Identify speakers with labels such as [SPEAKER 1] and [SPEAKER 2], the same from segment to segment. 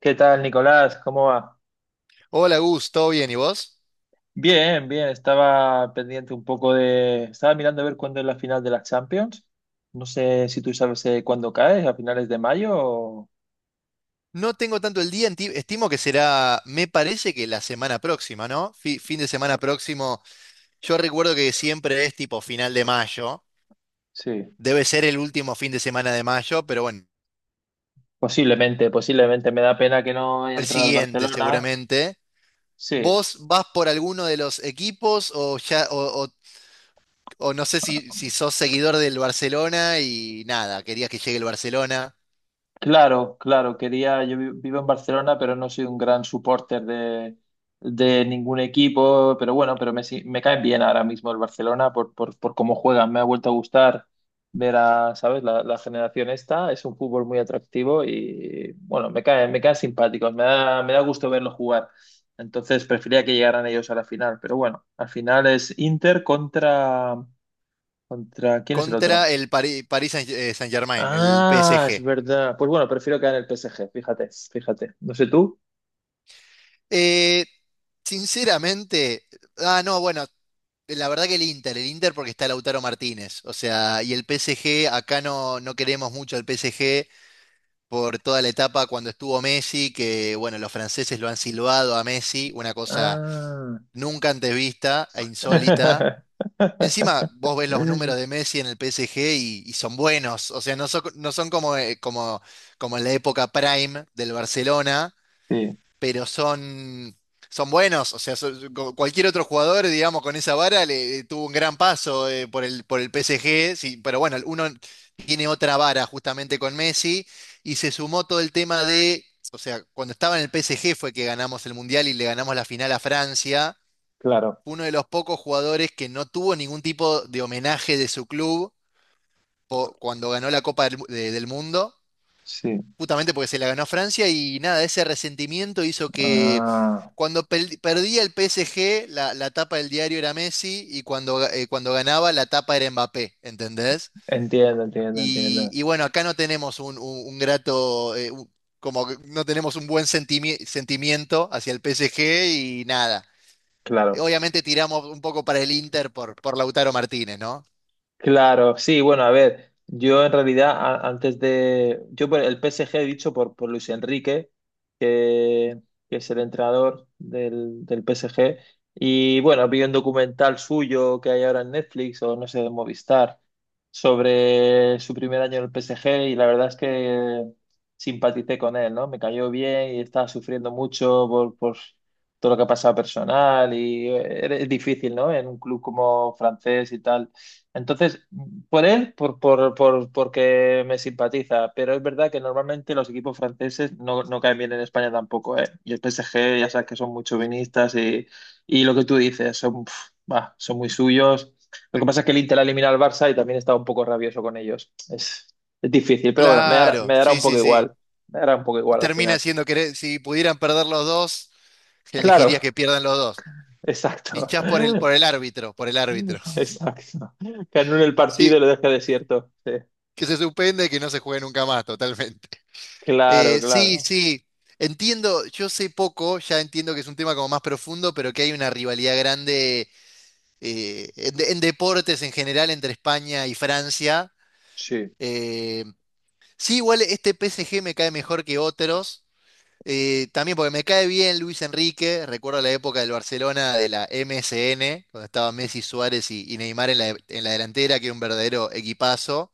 [SPEAKER 1] ¿Qué tal, Nicolás? ¿Cómo va?
[SPEAKER 2] Hola Gus, ¿todo bien? ¿Y vos?
[SPEAKER 1] Bien, bien. Estaba pendiente un poco de... Estaba mirando a ver cuándo es la final de la Champions. No sé si tú sabes cuándo cae, a finales de mayo o...
[SPEAKER 2] No tengo tanto el día, estimo que será, me parece que la semana próxima, ¿no? Fin de semana próximo. Yo recuerdo que siempre es tipo final de mayo.
[SPEAKER 1] Sí,
[SPEAKER 2] Debe ser el último fin de semana de mayo, pero bueno,
[SPEAKER 1] posiblemente, posiblemente. Me da pena que no haya
[SPEAKER 2] el
[SPEAKER 1] entrado al
[SPEAKER 2] siguiente
[SPEAKER 1] Barcelona.
[SPEAKER 2] seguramente.
[SPEAKER 1] Sí,
[SPEAKER 2] ¿Vos vas por alguno de los equipos o ya, o no sé si sos seguidor del Barcelona y nada, querías que llegue el Barcelona?
[SPEAKER 1] claro, claro, quería, vivo en Barcelona, pero no soy un gran supporter de ningún equipo, pero bueno, pero me, si- me caen bien ahora mismo el Barcelona por cómo juegan, me ha vuelto a gustar ver a, ¿sabes? La generación esta, es un fútbol muy atractivo y bueno, me caen simpáticos, me da gusto verlos jugar, entonces prefería que llegaran ellos a la final, pero bueno, al final es Inter contra, contra, ¿quién es el otro?
[SPEAKER 2] Contra el Paris, Saint-Germain, el
[SPEAKER 1] Ah, es
[SPEAKER 2] PSG.
[SPEAKER 1] verdad. Pues bueno, prefiero quedar en el PSG, fíjate, fíjate. No sé tú.
[SPEAKER 2] Eh, Sinceramente, no, bueno, la verdad que el Inter, el Inter, porque está Lautaro Martínez. O sea, y el PSG, acá no queremos mucho al PSG por toda la etapa cuando estuvo Messi, que bueno, los franceses lo han silbado a Messi, una cosa
[SPEAKER 1] Ah.
[SPEAKER 2] nunca antes vista e insólita. Encima, vos ves los números de Messi en el PSG y son buenos. O sea, no son como en la época prime del Barcelona,
[SPEAKER 1] Sí,
[SPEAKER 2] pero son buenos. O sea, cualquier otro jugador, digamos, con esa vara le tuvo un gran paso por el PSG. Sí, pero bueno, uno tiene otra vara justamente con Messi y se sumó todo el tema de. O sea, cuando estaba en el PSG fue que ganamos el Mundial y le ganamos la final a Francia.
[SPEAKER 1] claro,
[SPEAKER 2] Uno de los pocos jugadores que no tuvo ningún tipo de homenaje de su club cuando ganó la Copa del Mundo,
[SPEAKER 1] sí.
[SPEAKER 2] justamente porque se la ganó Francia. Y nada, ese resentimiento hizo que
[SPEAKER 1] Ah,
[SPEAKER 2] cuando perdía el PSG, la tapa del diario era Messi y cuando ganaba, la tapa era Mbappé, ¿entendés?
[SPEAKER 1] entiendo, entiendo,
[SPEAKER 2] Y,
[SPEAKER 1] entiendo.
[SPEAKER 2] y bueno, acá no tenemos como que no tenemos un buen sentimiento hacia el PSG y nada.
[SPEAKER 1] Claro.
[SPEAKER 2] Obviamente tiramos un poco para el Inter por Lautaro Martínez, ¿no?
[SPEAKER 1] Claro, sí, bueno, a ver, yo en realidad yo por el PSG he dicho por Luis Enrique, que, que es el entrenador del PSG, y bueno, vi un documental suyo que hay ahora en Netflix o no sé, en Movistar, sobre su primer año en el PSG y la verdad es que simpaticé con él, ¿no? Me cayó bien y estaba sufriendo mucho por todo lo que ha pasado personal y es difícil, ¿no? En un club como francés y tal. Entonces, por él, porque me simpatiza, pero es verdad que normalmente los equipos franceses no, no caen bien en España tampoco, ¿eh? Y el PSG, ya sabes que son muy chauvinistas y lo que tú dices, son, pf, bah, son muy suyos. Lo que pasa es que el Inter ha eliminado al Barça y también está un poco rabioso con ellos. Es difícil, pero bueno, me dará,
[SPEAKER 2] Claro,
[SPEAKER 1] me dará
[SPEAKER 2] sí,
[SPEAKER 1] un poco
[SPEAKER 2] sí, sí.
[SPEAKER 1] igual. Me dará un poco igual al final.
[SPEAKER 2] Termina siendo que si pudieran perder los dos,
[SPEAKER 1] Claro,
[SPEAKER 2] elegirías que pierdan los dos.
[SPEAKER 1] exacto.
[SPEAKER 2] Hinchás por el árbitro, por el árbitro.
[SPEAKER 1] Exacto. Que anule el
[SPEAKER 2] Sí,
[SPEAKER 1] partido y lo deje desierto. Sí.
[SPEAKER 2] que se suspende y que no se juegue nunca más, totalmente.
[SPEAKER 1] Claro,
[SPEAKER 2] Sí,
[SPEAKER 1] claro.
[SPEAKER 2] sí. Entiendo, yo sé poco, ya entiendo que es un tema como más profundo, pero que hay una rivalidad grande en, deportes en general entre España y Francia.
[SPEAKER 1] Sí.
[SPEAKER 2] Eh, Sí, igual este PSG me cae mejor que otros. También porque me cae bien Luis Enrique. Recuerdo la época del Barcelona de la MSN, cuando estaba Messi, Suárez y Neymar en la delantera, que era un verdadero equipazo,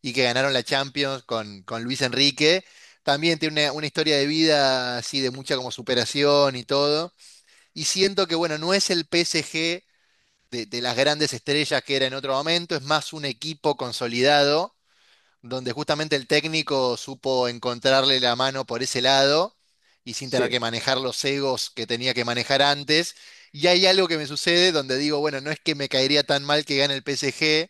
[SPEAKER 2] y que ganaron la Champions con Luis Enrique. También tiene una historia de vida así de mucha como superación y todo. Y siento que, bueno, no es el PSG de las grandes estrellas que era en otro momento, es más un equipo consolidado donde justamente el técnico supo encontrarle la mano por ese lado y sin tener que
[SPEAKER 1] Sí,
[SPEAKER 2] manejar los egos que tenía que manejar antes. Y hay algo que me sucede donde digo, bueno, no es que me caería tan mal que gane el PSG,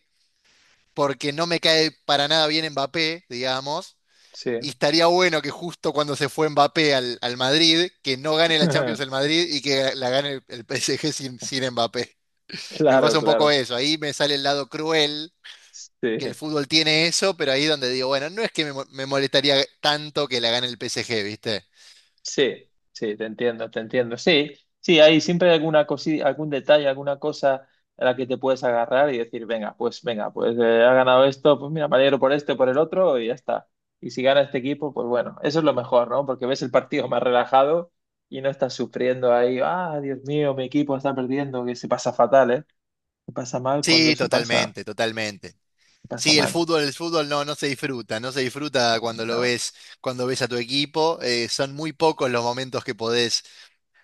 [SPEAKER 2] porque no me cae para nada bien Mbappé, digamos,
[SPEAKER 1] sí.
[SPEAKER 2] y estaría bueno que justo cuando se fue Mbappé al Madrid, que no gane la Champions el Madrid y que la gane el PSG sin Mbappé. Me pasa
[SPEAKER 1] Claro,
[SPEAKER 2] un poco
[SPEAKER 1] claro.
[SPEAKER 2] eso, ahí me sale el lado cruel que el
[SPEAKER 1] Sí,
[SPEAKER 2] fútbol tiene eso, pero ahí donde digo, bueno, no es que me molestaría tanto que la gane el PSG, ¿viste?
[SPEAKER 1] sí, sí, te entiendo, te entiendo. Sí, sí, hay siempre alguna cosita, algún detalle, alguna cosa a la que te puedes agarrar y decir, venga, pues venga, pues ha ganado esto, pues mira, me alegro por este, por el otro y ya está. Y si gana este equipo, pues bueno, eso es lo mejor, ¿no? Porque ves el partido más relajado y no estás sufriendo ahí, ah, Dios mío, mi equipo está perdiendo, que se pasa fatal, ¿eh? Se pasa mal cuando
[SPEAKER 2] Sí,
[SPEAKER 1] eso pasa,
[SPEAKER 2] totalmente, totalmente.
[SPEAKER 1] pasa
[SPEAKER 2] Sí, el
[SPEAKER 1] mal.
[SPEAKER 2] fútbol, el fútbol no se disfruta, no se disfruta cuando lo
[SPEAKER 1] No,
[SPEAKER 2] ves, cuando ves a tu equipo. Son muy pocos los momentos que podés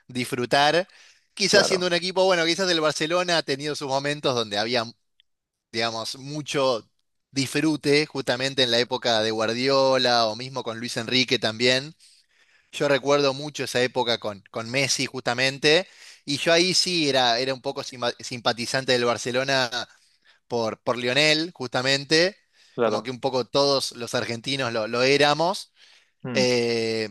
[SPEAKER 2] disfrutar. Quizás siendo
[SPEAKER 1] claro,
[SPEAKER 2] un equipo, bueno, quizás el Barcelona ha tenido sus momentos donde había, digamos, mucho disfrute, justamente en la época de Guardiola o mismo con Luis Enrique también. Yo recuerdo mucho esa época con Messi justamente, y yo ahí sí era un poco simpatizante del Barcelona por Lionel, justamente, como que
[SPEAKER 1] claro.
[SPEAKER 2] un poco todos los argentinos lo éramos.
[SPEAKER 1] Mm.
[SPEAKER 2] Eh,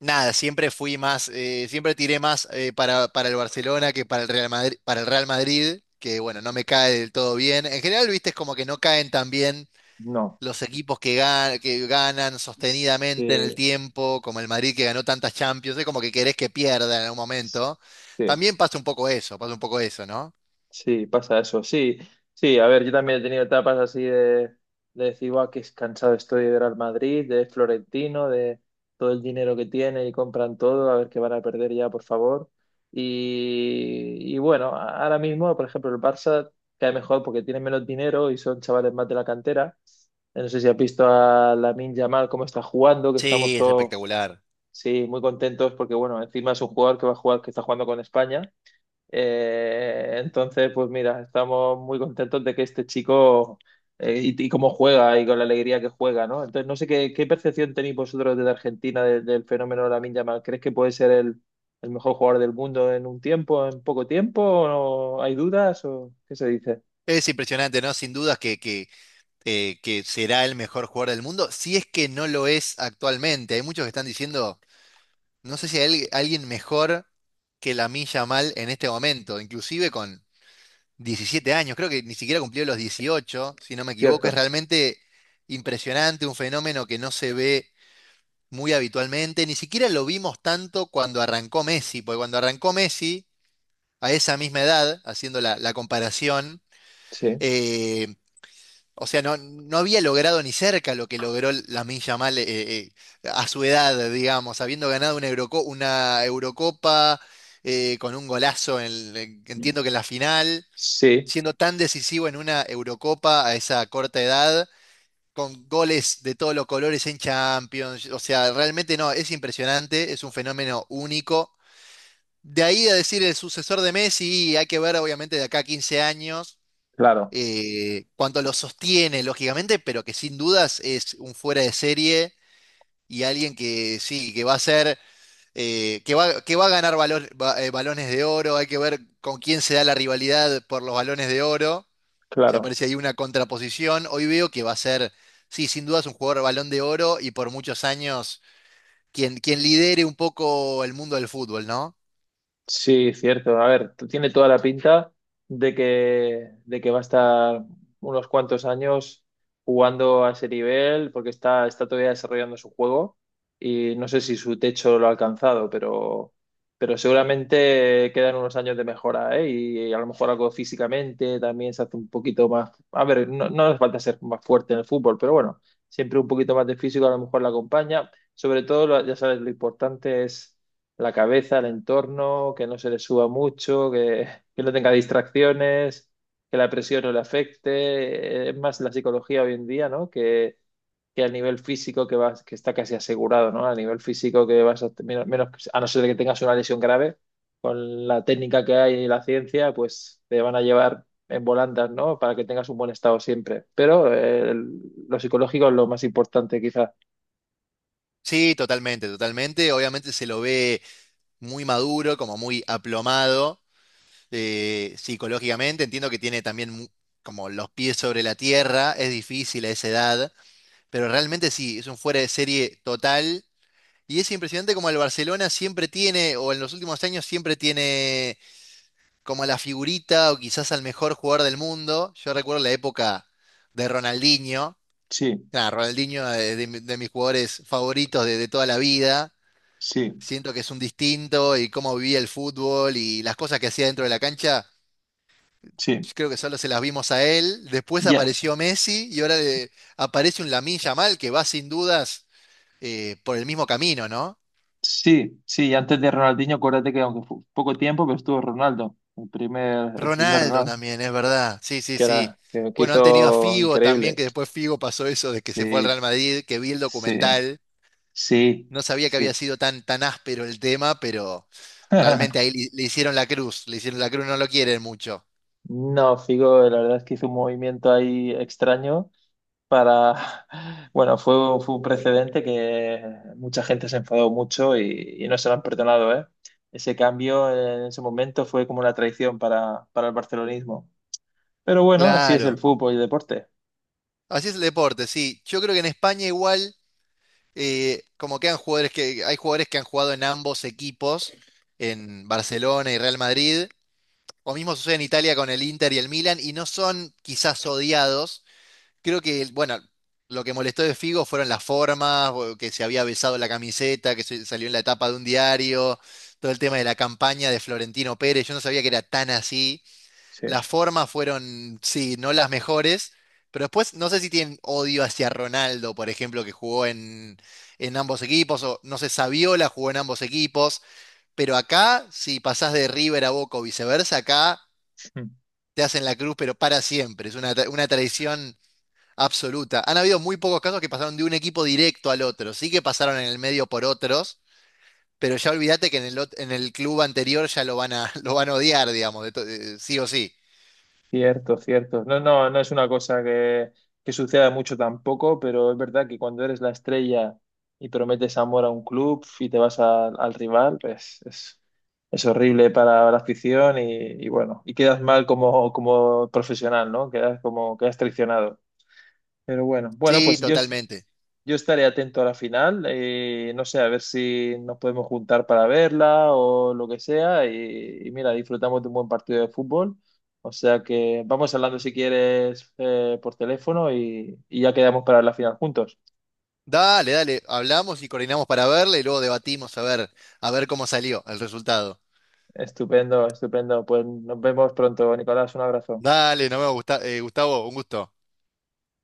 [SPEAKER 2] Nada, siempre fui más, siempre tiré más para el Barcelona que para el Real Madrid, que bueno, no me cae del todo bien. En general, viste, es como que no caen tan bien
[SPEAKER 1] No.
[SPEAKER 2] los equipos que ganan sostenidamente en el
[SPEAKER 1] Sí,
[SPEAKER 2] tiempo, como el Madrid que ganó tantas Champions, es como que querés que pierda en algún momento.
[SPEAKER 1] sí,
[SPEAKER 2] También pasa un poco eso, pasa un poco eso, ¿no?
[SPEAKER 1] sí, pasa eso. Sí, sí, a ver, yo también he tenido etapas así de decir, guau, qué cansado estoy de ver al Madrid, de Florentino, de todo el dinero que tiene y compran todo, a ver qué van a perder ya, por favor. Y bueno, ahora mismo, por ejemplo, el Barça cae mejor porque tiene menos dinero y son chavales más de la cantera. No sé si has visto a Lamine Yamal cómo está jugando, que estamos
[SPEAKER 2] Sí, es
[SPEAKER 1] todos
[SPEAKER 2] espectacular.
[SPEAKER 1] sí, muy contentos porque, bueno, encima es un jugador que va a jugar, que está jugando con España. Entonces, pues mira, estamos muy contentos de que este chico y cómo juega y con la alegría que juega, ¿no? Entonces, no sé qué, qué percepción tenéis vosotros desde Argentina del fenómeno Lamine Yamal. ¿Crees que puede ser el mejor jugador del mundo en un tiempo, en poco tiempo? ¿O no? ¿Hay dudas? ¿O qué se dice?
[SPEAKER 2] Es impresionante, ¿no? Sin dudas que será el mejor jugador del mundo, si es que no lo es actualmente. Hay muchos que están diciendo, no sé si hay alguien mejor que Lamine Yamal en este momento, inclusive con 17 años, creo que ni siquiera cumplió los 18 si no me equivoco, es
[SPEAKER 1] ¿Cierto?
[SPEAKER 2] realmente impresionante, un fenómeno que no se ve muy habitualmente, ni siquiera lo vimos tanto cuando arrancó Messi, porque cuando arrancó Messi, a esa misma edad, haciendo la comparación,
[SPEAKER 1] Sí.
[SPEAKER 2] eh, o sea, no había logrado ni cerca lo que logró Lamine Yamal, eh, a su edad, digamos, habiendo ganado una Eurocopa con un golazo, entiendo que en la final,
[SPEAKER 1] Sí,
[SPEAKER 2] siendo tan decisivo en una Eurocopa a esa corta edad, con goles de todos los colores en Champions. O sea, realmente no, es impresionante, es un fenómeno único. De ahí a decir el sucesor de Messi, hay que ver obviamente de acá a 15 años
[SPEAKER 1] claro,
[SPEAKER 2] cuánto lo sostiene, lógicamente, pero que sin dudas es un fuera de serie y alguien que sí, que va a ser, que va a ganar balones de oro. Hay que ver con quién se da la rivalidad por los balones de oro. Ya
[SPEAKER 1] claro.
[SPEAKER 2] aparece ahí una contraposición. Hoy veo que va a ser, sí, sin duda es un jugador Balón de Oro y por muchos años quien lidere un poco el mundo del fútbol, ¿no?
[SPEAKER 1] Sí, cierto. A ver, tiene toda la pinta de que va a estar unos cuantos años jugando a ese nivel, porque está, está todavía desarrollando su juego y no sé si su techo lo ha alcanzado, pero seguramente quedan unos años de mejora, ¿eh? Y a lo mejor algo físicamente también se hace un poquito más. A ver, no, no hace falta ser más fuerte en el fútbol, pero bueno, siempre un poquito más de físico a lo mejor la acompaña. Sobre todo, ya sabes, lo importante es la cabeza, el entorno, que no se le suba mucho, que no tenga distracciones, que la presión no le afecte. Es más la psicología hoy en día, ¿no? Que al nivel físico que vas, que está casi asegurado, ¿no? Al nivel físico que vas a, a no ser de que tengas una lesión grave, con la técnica que hay y la ciencia, pues te van a llevar en volandas, ¿no? Para que tengas un buen estado siempre. Pero lo psicológico es lo más importante, quizás.
[SPEAKER 2] Sí, totalmente, totalmente. Obviamente se lo ve muy maduro, como muy aplomado psicológicamente. Entiendo que tiene también como los pies sobre la tierra. Es difícil a esa edad, pero realmente sí, es un fuera de serie total. Y es impresionante como el Barcelona siempre tiene, o en los últimos años siempre tiene como a la figurita o quizás al mejor jugador del mundo. Yo recuerdo la época de Ronaldinho.
[SPEAKER 1] Sí,
[SPEAKER 2] Nada, Ronaldinho, de, de mis jugadores favoritos de toda la vida.
[SPEAKER 1] sí,
[SPEAKER 2] Siento que es un distinto y cómo vivía el fútbol y las cosas que hacía dentro de la cancha.
[SPEAKER 1] sí.
[SPEAKER 2] Yo creo que solo se las vimos a él. Después
[SPEAKER 1] Ya,
[SPEAKER 2] apareció Messi y ahora aparece un Lamine Yamal que va sin dudas, por el mismo camino, ¿no?
[SPEAKER 1] sí, sí, y antes de Ronaldinho, acuérdate que aunque fue poco tiempo, pero estuvo Ronaldo, el primer
[SPEAKER 2] Ronaldo
[SPEAKER 1] Ronaldo.
[SPEAKER 2] también, es verdad. Sí, sí,
[SPEAKER 1] Que
[SPEAKER 2] sí.
[SPEAKER 1] era, que
[SPEAKER 2] Bueno, han tenido a
[SPEAKER 1] hizo
[SPEAKER 2] Figo también,
[SPEAKER 1] increíble.
[SPEAKER 2] que después Figo pasó eso de que se fue al
[SPEAKER 1] Sí,
[SPEAKER 2] Real Madrid, que vi el
[SPEAKER 1] sí,
[SPEAKER 2] documental.
[SPEAKER 1] sí,
[SPEAKER 2] No sabía que había
[SPEAKER 1] sí.
[SPEAKER 2] sido tan, tan áspero el tema, pero realmente ahí le hicieron la cruz, le hicieron la cruz, no lo quieren mucho.
[SPEAKER 1] No, Figo, la verdad es que hizo un movimiento ahí extraño para, bueno, fue, fue un precedente que mucha gente se enfadó mucho y no se lo han perdonado, ¿eh? Ese cambio en ese momento fue como una traición para el barcelonismo. Pero bueno, así es el
[SPEAKER 2] Claro.
[SPEAKER 1] fútbol y el deporte.
[SPEAKER 2] Así es el deporte, sí. Yo creo que en España igual, como que han jugadores que, hay jugadores que han jugado en ambos equipos, en Barcelona y Real Madrid. O mismo sucede en Italia con el Inter y el Milan, y no son quizás odiados. Creo que, bueno, lo que molestó de Figo fueron las formas, o que se había besado la camiseta, salió en la tapa de un diario, todo el tema de la campaña de Florentino Pérez, yo no sabía que era tan así.
[SPEAKER 1] Sí,
[SPEAKER 2] Las formas fueron, sí, no las mejores, pero después no sé si tienen odio hacia Ronaldo, por ejemplo, que jugó en, ambos equipos, o no sé, Saviola jugó en ambos equipos, pero acá, si pasás de River a Boca o viceversa, acá te hacen la cruz, pero para siempre, es una traición absoluta. Han habido muy pocos casos que pasaron de un equipo directo al otro. Sí que pasaron en el medio por otros, pero ya olvídate que en el club anterior ya lo van a, lo van a odiar, digamos, sí o sí.
[SPEAKER 1] cierto, cierto. No, no, no es una cosa que suceda mucho tampoco, pero es verdad que cuando eres la estrella y prometes amor a un club y te vas al rival, pues es horrible para la afición y bueno, y quedas mal como, como profesional, ¿no? Quedas como, quedas traicionado. Pero bueno, bueno,
[SPEAKER 2] Sí,
[SPEAKER 1] pues yo
[SPEAKER 2] totalmente.
[SPEAKER 1] yo estaré atento a la final, no sé, a ver si nos podemos juntar para verla o lo que sea. Y mira, disfrutamos de un buen partido de fútbol. O sea que vamos hablando si quieres por teléfono y ya quedamos para la final juntos.
[SPEAKER 2] Dale, dale, hablamos y coordinamos para verla y luego debatimos a ver cómo salió el resultado.
[SPEAKER 1] Estupendo, estupendo. Pues nos vemos pronto, Nicolás. Un abrazo.
[SPEAKER 2] Dale, no me gusta, Gustavo, un gusto.